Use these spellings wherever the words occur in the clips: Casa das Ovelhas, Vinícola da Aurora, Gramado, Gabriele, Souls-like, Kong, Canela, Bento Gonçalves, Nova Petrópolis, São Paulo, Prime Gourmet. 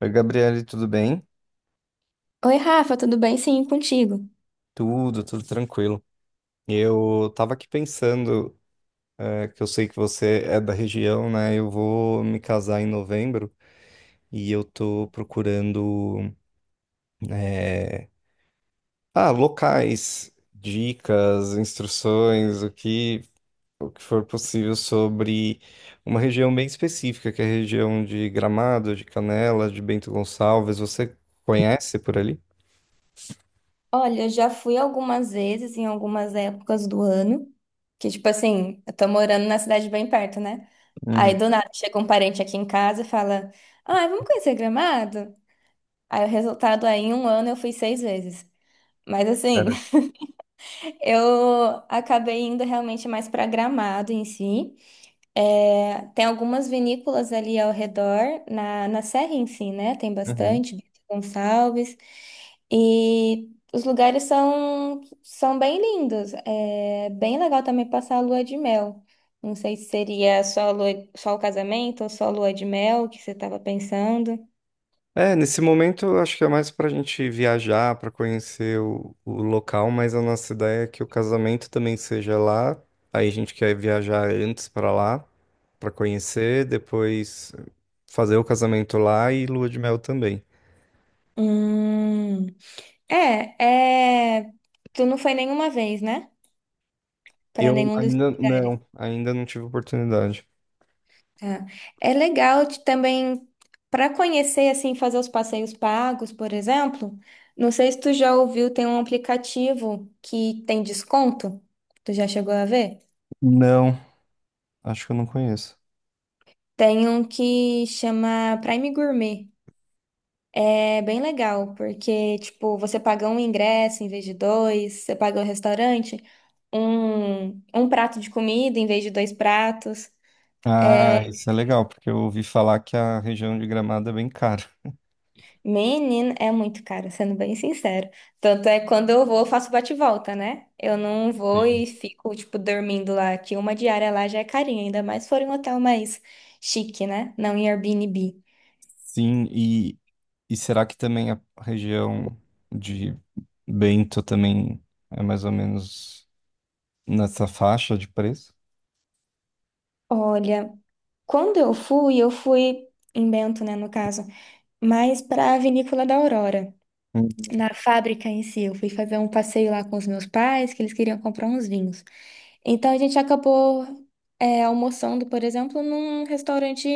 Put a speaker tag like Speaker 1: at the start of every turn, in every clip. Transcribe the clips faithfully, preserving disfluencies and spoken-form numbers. Speaker 1: Oi, Gabriele, tudo bem?
Speaker 2: Oi, Rafa, tudo bem? Sim, contigo.
Speaker 1: Tudo, tudo tranquilo. Eu tava aqui pensando, eh, que eu sei que você é da região, né? Eu vou me casar em novembro e eu tô procurando, eh, ah, locais, dicas, instruções, o que, o que for possível sobre uma região bem específica, que é a região de Gramado, de Canela, de Bento Gonçalves. Você conhece por ali?
Speaker 2: Olha, já fui algumas vezes em algumas épocas do ano, que tipo assim, eu tô morando na cidade bem perto, né? Aí
Speaker 1: Uhum.
Speaker 2: do nada chega um parente aqui em casa e fala: "Ah, vamos conhecer Gramado?" Aí o resultado aí em um ano eu fui seis vezes. Mas assim,
Speaker 1: Cara.
Speaker 2: eu acabei indo realmente mais pra Gramado em si. É, tem algumas vinícolas ali ao redor, na, na serra em si, né? Tem bastante, Bento Gonçalves. E os lugares são, são bem lindos. É bem legal também passar a lua de mel. Não sei se seria só, a lua, só o casamento ou só a lua de mel que você estava pensando.
Speaker 1: É, nesse momento eu acho que é mais pra gente viajar, pra conhecer o, o local, mas a nossa ideia é que o casamento também seja lá. Aí a gente quer viajar antes pra lá, pra conhecer, depois fazer o casamento lá e lua de mel também.
Speaker 2: Hum, é, é. Tu não foi nenhuma vez, né? Para
Speaker 1: Eu
Speaker 2: nenhum dos
Speaker 1: ainda
Speaker 2: lugares.
Speaker 1: não, ainda não tive oportunidade.
Speaker 2: Tá. É legal de também para conhecer assim, fazer os passeios pagos, por exemplo. Não sei se tu já ouviu, tem um aplicativo que tem desconto. Tu já chegou a ver?
Speaker 1: Não, acho que eu não conheço.
Speaker 2: Tem um que chama Prime Gourmet. É bem legal, porque tipo, você paga um ingresso em vez de dois, você paga o restaurante, um, um prato de comida em vez de dois pratos. É,
Speaker 1: Ah, isso é legal, porque eu ouvi falar que a região de Gramado é bem cara.
Speaker 2: menino, é muito caro, sendo bem sincero. Tanto é que quando eu vou, eu faço bate-volta, né? Eu não vou e fico, tipo, dormindo lá, que uma diária lá já é carinha, ainda mais se for em um hotel mais chique, né? Não em Airbnb.
Speaker 1: Sim, e, e será que também a região de Bento também é mais ou menos nessa faixa de preço?
Speaker 2: Olha, quando eu fui, eu fui em Bento, né, no caso, mas para a Vinícola da Aurora,
Speaker 1: Uhum.
Speaker 2: na fábrica em si. Eu fui fazer um passeio lá com os meus pais, que eles queriam comprar uns vinhos. Então a gente acabou é, almoçando, por exemplo, num restaurante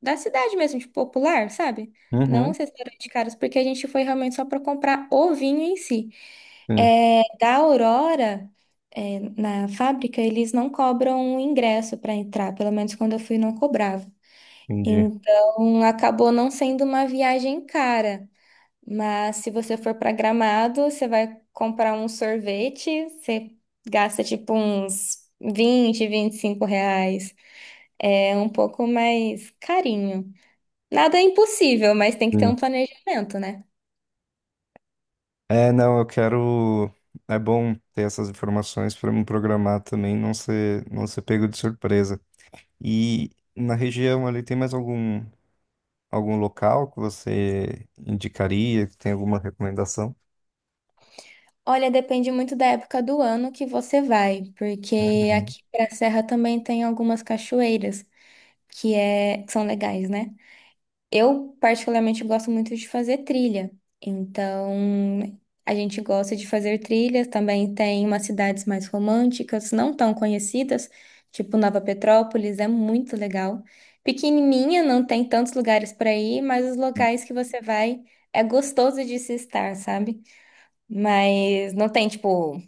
Speaker 2: da cidade mesmo, tipo, popular, sabe? Não
Speaker 1: Uhum.
Speaker 2: os restaurantes caros, porque a gente foi realmente só para comprar o vinho em si.
Speaker 1: Sim,
Speaker 2: É, da Aurora, é, na fábrica, eles não cobram ingresso para entrar, pelo menos quando eu fui não cobrava.
Speaker 1: entendi.
Speaker 2: Então acabou não sendo uma viagem cara. Mas se você for para Gramado, você vai comprar um sorvete, você gasta tipo uns vinte vinte e cinco reais. É um pouco mais carinho. Nada é impossível, mas tem que ter um
Speaker 1: Sim.
Speaker 2: planejamento, né?
Speaker 1: É, não, eu quero. É bom ter essas informações para me programar também, não ser, não ser pego de surpresa. E na região ali tem mais algum, algum local que você indicaria, que tem alguma recomendação?
Speaker 2: Olha, depende muito da época do ano que você vai, porque
Speaker 1: Uhum.
Speaker 2: aqui para a Serra também tem algumas cachoeiras que, é, que são legais, né? Eu, particularmente, gosto muito de fazer trilha. Então, a gente gosta de fazer trilhas. Também tem umas cidades mais românticas, não tão conhecidas, tipo Nova Petrópolis, é muito legal. Pequenininha, não tem tantos lugares para ir, mas os locais que você vai é gostoso de se estar, sabe? Mas não tem, tipo,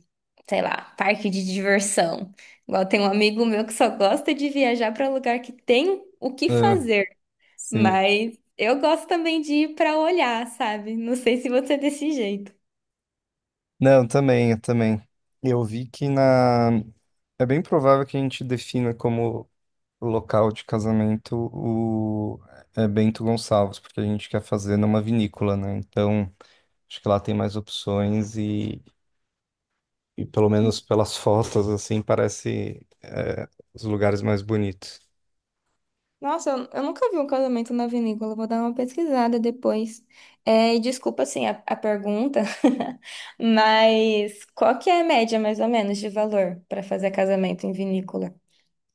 Speaker 2: sei lá, parque de diversão. Igual tem um amigo meu que só gosta de viajar para lugar que tem o que
Speaker 1: É,
Speaker 2: fazer.
Speaker 1: sim.
Speaker 2: Mas eu gosto também de ir pra olhar, sabe? Não sei se você é desse jeito.
Speaker 1: Não, também, eu também. Eu vi que na. É bem provável que a gente defina como local de casamento o é Bento Gonçalves, porque a gente quer fazer numa vinícola, né? Então, acho que lá tem mais opções e, e pelo menos pelas fotos, assim, parece é, os lugares mais bonitos.
Speaker 2: Nossa, eu eu nunca vi um casamento na vinícola, vou dar uma pesquisada depois. É, e desculpa, assim, a, a pergunta, mas qual que é a média, mais ou menos, de valor para fazer casamento em vinícola?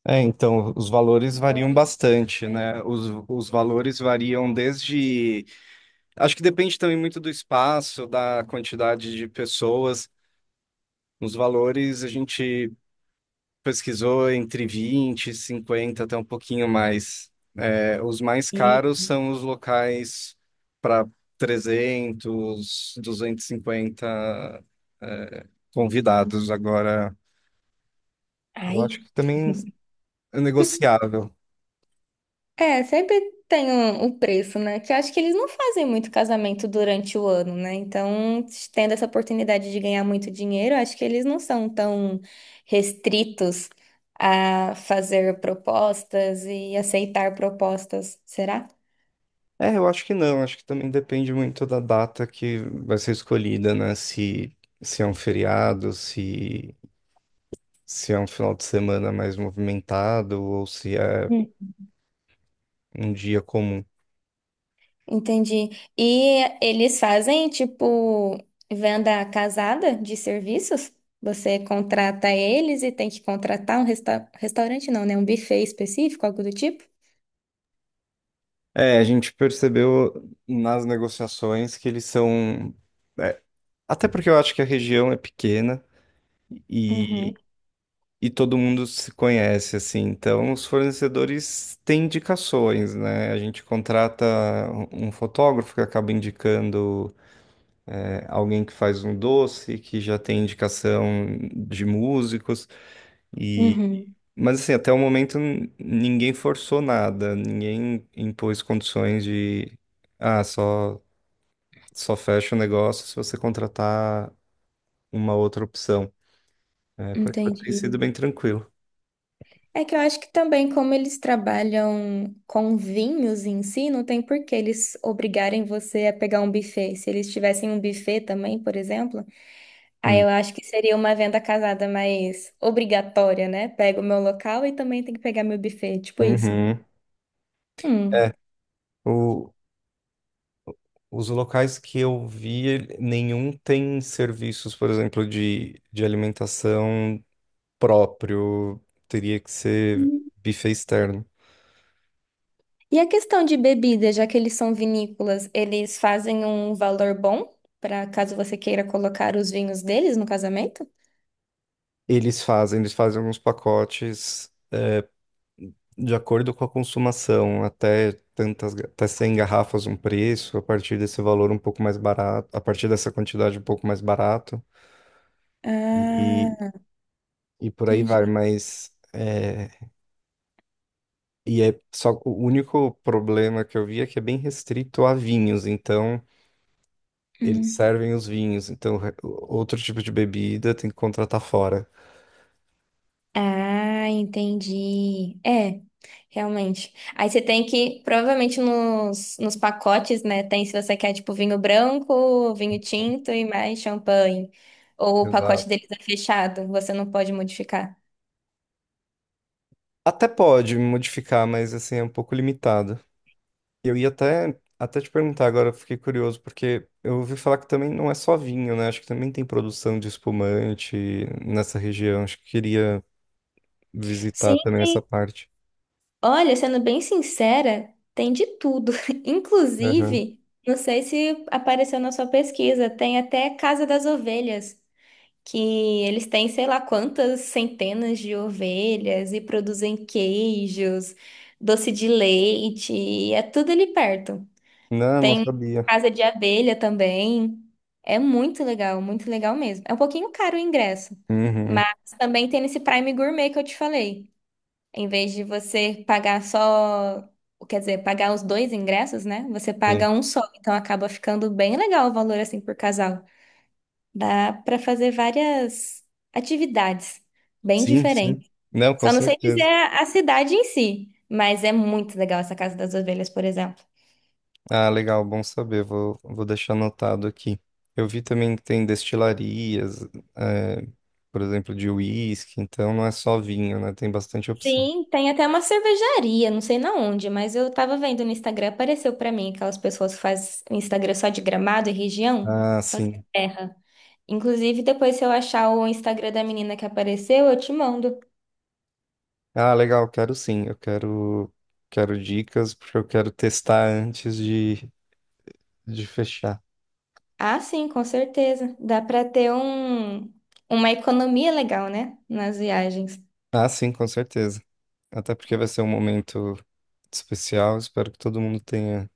Speaker 1: É, então, os valores variam bastante, né? Os, os valores variam desde. Acho que depende também muito do espaço, da quantidade de pessoas. Os valores a gente pesquisou entre vinte cinquenta até um pouquinho mais. É, os mais
Speaker 2: E
Speaker 1: caros são os locais para trezentos, duzentos e cinquenta é, convidados. Agora, eu
Speaker 2: aí?
Speaker 1: acho que também é negociável.
Speaker 2: É, sempre tem um, um preço, né? Que eu acho que eles não fazem muito casamento durante o ano, né? Então, tendo essa oportunidade de ganhar muito dinheiro, eu acho que eles não são tão restritos a fazer propostas e aceitar propostas, será?
Speaker 1: É, eu acho que não. Acho que também depende muito da data que vai ser escolhida, né? Se, se é um feriado, se, se é um final de semana mais movimentado ou se é
Speaker 2: Hum.
Speaker 1: um dia comum.
Speaker 2: Entendi. E eles fazem, tipo, venda casada de serviços? Você contrata eles e tem que contratar um resta- restaurante, não, né? Um buffet específico, algo do tipo?
Speaker 1: É, a gente percebeu nas negociações que eles são. É, até porque eu acho que a região é pequena e,
Speaker 2: Uhum,
Speaker 1: e todo mundo se conhece, assim. Então, os fornecedores têm indicações, né? A gente contrata um um fotógrafo que acaba indicando, é, alguém que faz um doce, que já tem indicação de músicos. E,
Speaker 2: uhum.
Speaker 1: mas, assim, até o momento n- ninguém forçou nada, ninguém impôs condições de. Ah, só. Só fecha o negócio se você contratar uma outra opção. É, por enquanto tem
Speaker 2: Entendi.
Speaker 1: sido bem tranquilo.
Speaker 2: É que eu acho que também, como eles trabalham com vinhos em si, não tem por que eles obrigarem você a pegar um buffet. Se eles tivessem um buffet também, por exemplo, aí
Speaker 1: Sim.
Speaker 2: eu acho que seria uma venda casada mais obrigatória, né? Pego o meu local e também tem que pegar meu buffet, tipo isso.
Speaker 1: Uhum. É,
Speaker 2: Hum.
Speaker 1: o- os locais que eu vi, ele- nenhum tem serviços, por exemplo, de, de alimentação próprio. Teria que ser
Speaker 2: Hum.
Speaker 1: buffet externo.
Speaker 2: E a questão de bebida, já que eles são vinícolas, eles fazem um valor bom para caso você queira colocar os vinhos deles no casamento?
Speaker 1: Eles fazem, eles fazem alguns pacotes de acordo com a consumação, até tantas, ga- até cem garrafas um preço, a partir desse valor um pouco mais barato, a partir dessa quantidade um pouco mais barato. E,
Speaker 2: Ah,
Speaker 1: e por aí vai,
Speaker 2: entendi.
Speaker 1: mas é, e é só o único problema que eu vi é que é bem restrito a vinhos, então eles servem os vinhos, então re- outro tipo de bebida tem que contratar fora.
Speaker 2: Ah, entendi. É, realmente. Aí você tem que, provavelmente nos, nos pacotes, né? Tem se você quer, tipo, vinho branco, vinho tinto e mais champanhe. Ou o
Speaker 1: Exato.
Speaker 2: pacote deles é fechado, você não pode modificar.
Speaker 1: Até pode modificar, mas assim é um pouco limitado. Eu ia até até te perguntar agora, eu fiquei curioso porque eu ouvi falar que também não é só vinho, né? Acho que também tem produção de espumante nessa região. Acho que queria visitar
Speaker 2: Sim,
Speaker 1: também essa
Speaker 2: sim.
Speaker 1: parte.
Speaker 2: Olha, sendo bem sincera, tem de tudo.
Speaker 1: Aham.
Speaker 2: Inclusive, não sei se apareceu na sua pesquisa, tem até Casa das Ovelhas. Que eles têm sei lá quantas centenas de ovelhas e produzem queijos, doce de leite, e é tudo ali perto.
Speaker 1: Não, não
Speaker 2: Tem
Speaker 1: sabia.
Speaker 2: casa de abelha também. É muito legal, muito legal mesmo. É um pouquinho caro o ingresso, mas
Speaker 1: Uhum,
Speaker 2: também tem esse Prime Gourmet que eu te falei. Em vez de você pagar só, quer dizer, pagar os dois ingressos, né? Você
Speaker 1: sim.
Speaker 2: paga um só, então acaba ficando bem legal o valor assim por casal. Dá para fazer várias atividades bem
Speaker 1: Sim, sim.
Speaker 2: diferentes.
Speaker 1: Não, com
Speaker 2: Só não sei dizer
Speaker 1: certeza.
Speaker 2: a a cidade em si, mas é muito legal essa Casa das Ovelhas, por exemplo.
Speaker 1: Ah, legal, bom saber. Vou, vou deixar anotado aqui. Eu vi também que tem destilarias, é, por exemplo, de uísque, então não é só vinho, né? Tem bastante opção.
Speaker 2: Sim, tem até uma cervejaria, não sei na onde, mas eu tava vendo no Instagram, apareceu pra mim aquelas pessoas que fazem o Instagram só de Gramado e região,
Speaker 1: Ah,
Speaker 2: só da
Speaker 1: sim.
Speaker 2: terra. Inclusive, depois se eu achar o Instagram da menina que apareceu, eu te mando.
Speaker 1: Ah, legal, quero sim. Eu quero, quero dicas, porque eu quero testar antes de, de fechar.
Speaker 2: Ah, sim, com certeza. Dá pra ter um, uma economia legal, né, nas viagens.
Speaker 1: Ah, sim, com certeza. Até porque vai ser um momento especial. Espero que todo mundo tenha.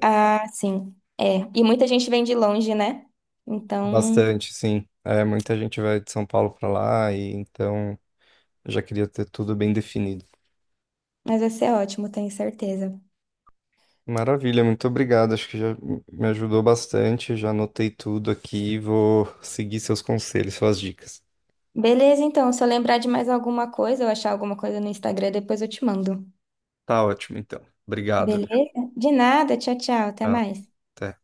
Speaker 2: Ah, sim. É. E muita gente vem de longe, né? Então,
Speaker 1: Bastante, sim. É, muita gente vai de São Paulo para lá e então eu já queria ter tudo bem definido.
Speaker 2: mas vai ser ótimo, tenho certeza.
Speaker 1: Maravilha, muito obrigado. Acho que já me ajudou bastante. Já anotei tudo aqui. Vou seguir seus conselhos, suas dicas.
Speaker 2: Beleza, então. Se eu lembrar de mais alguma coisa, eu achar alguma coisa no Instagram, depois eu te mando.
Speaker 1: Tá ótimo, então. Obrigado.
Speaker 2: Beleza? De nada. Tchau, tchau. Até
Speaker 1: Tchau.
Speaker 2: mais.
Speaker 1: Até.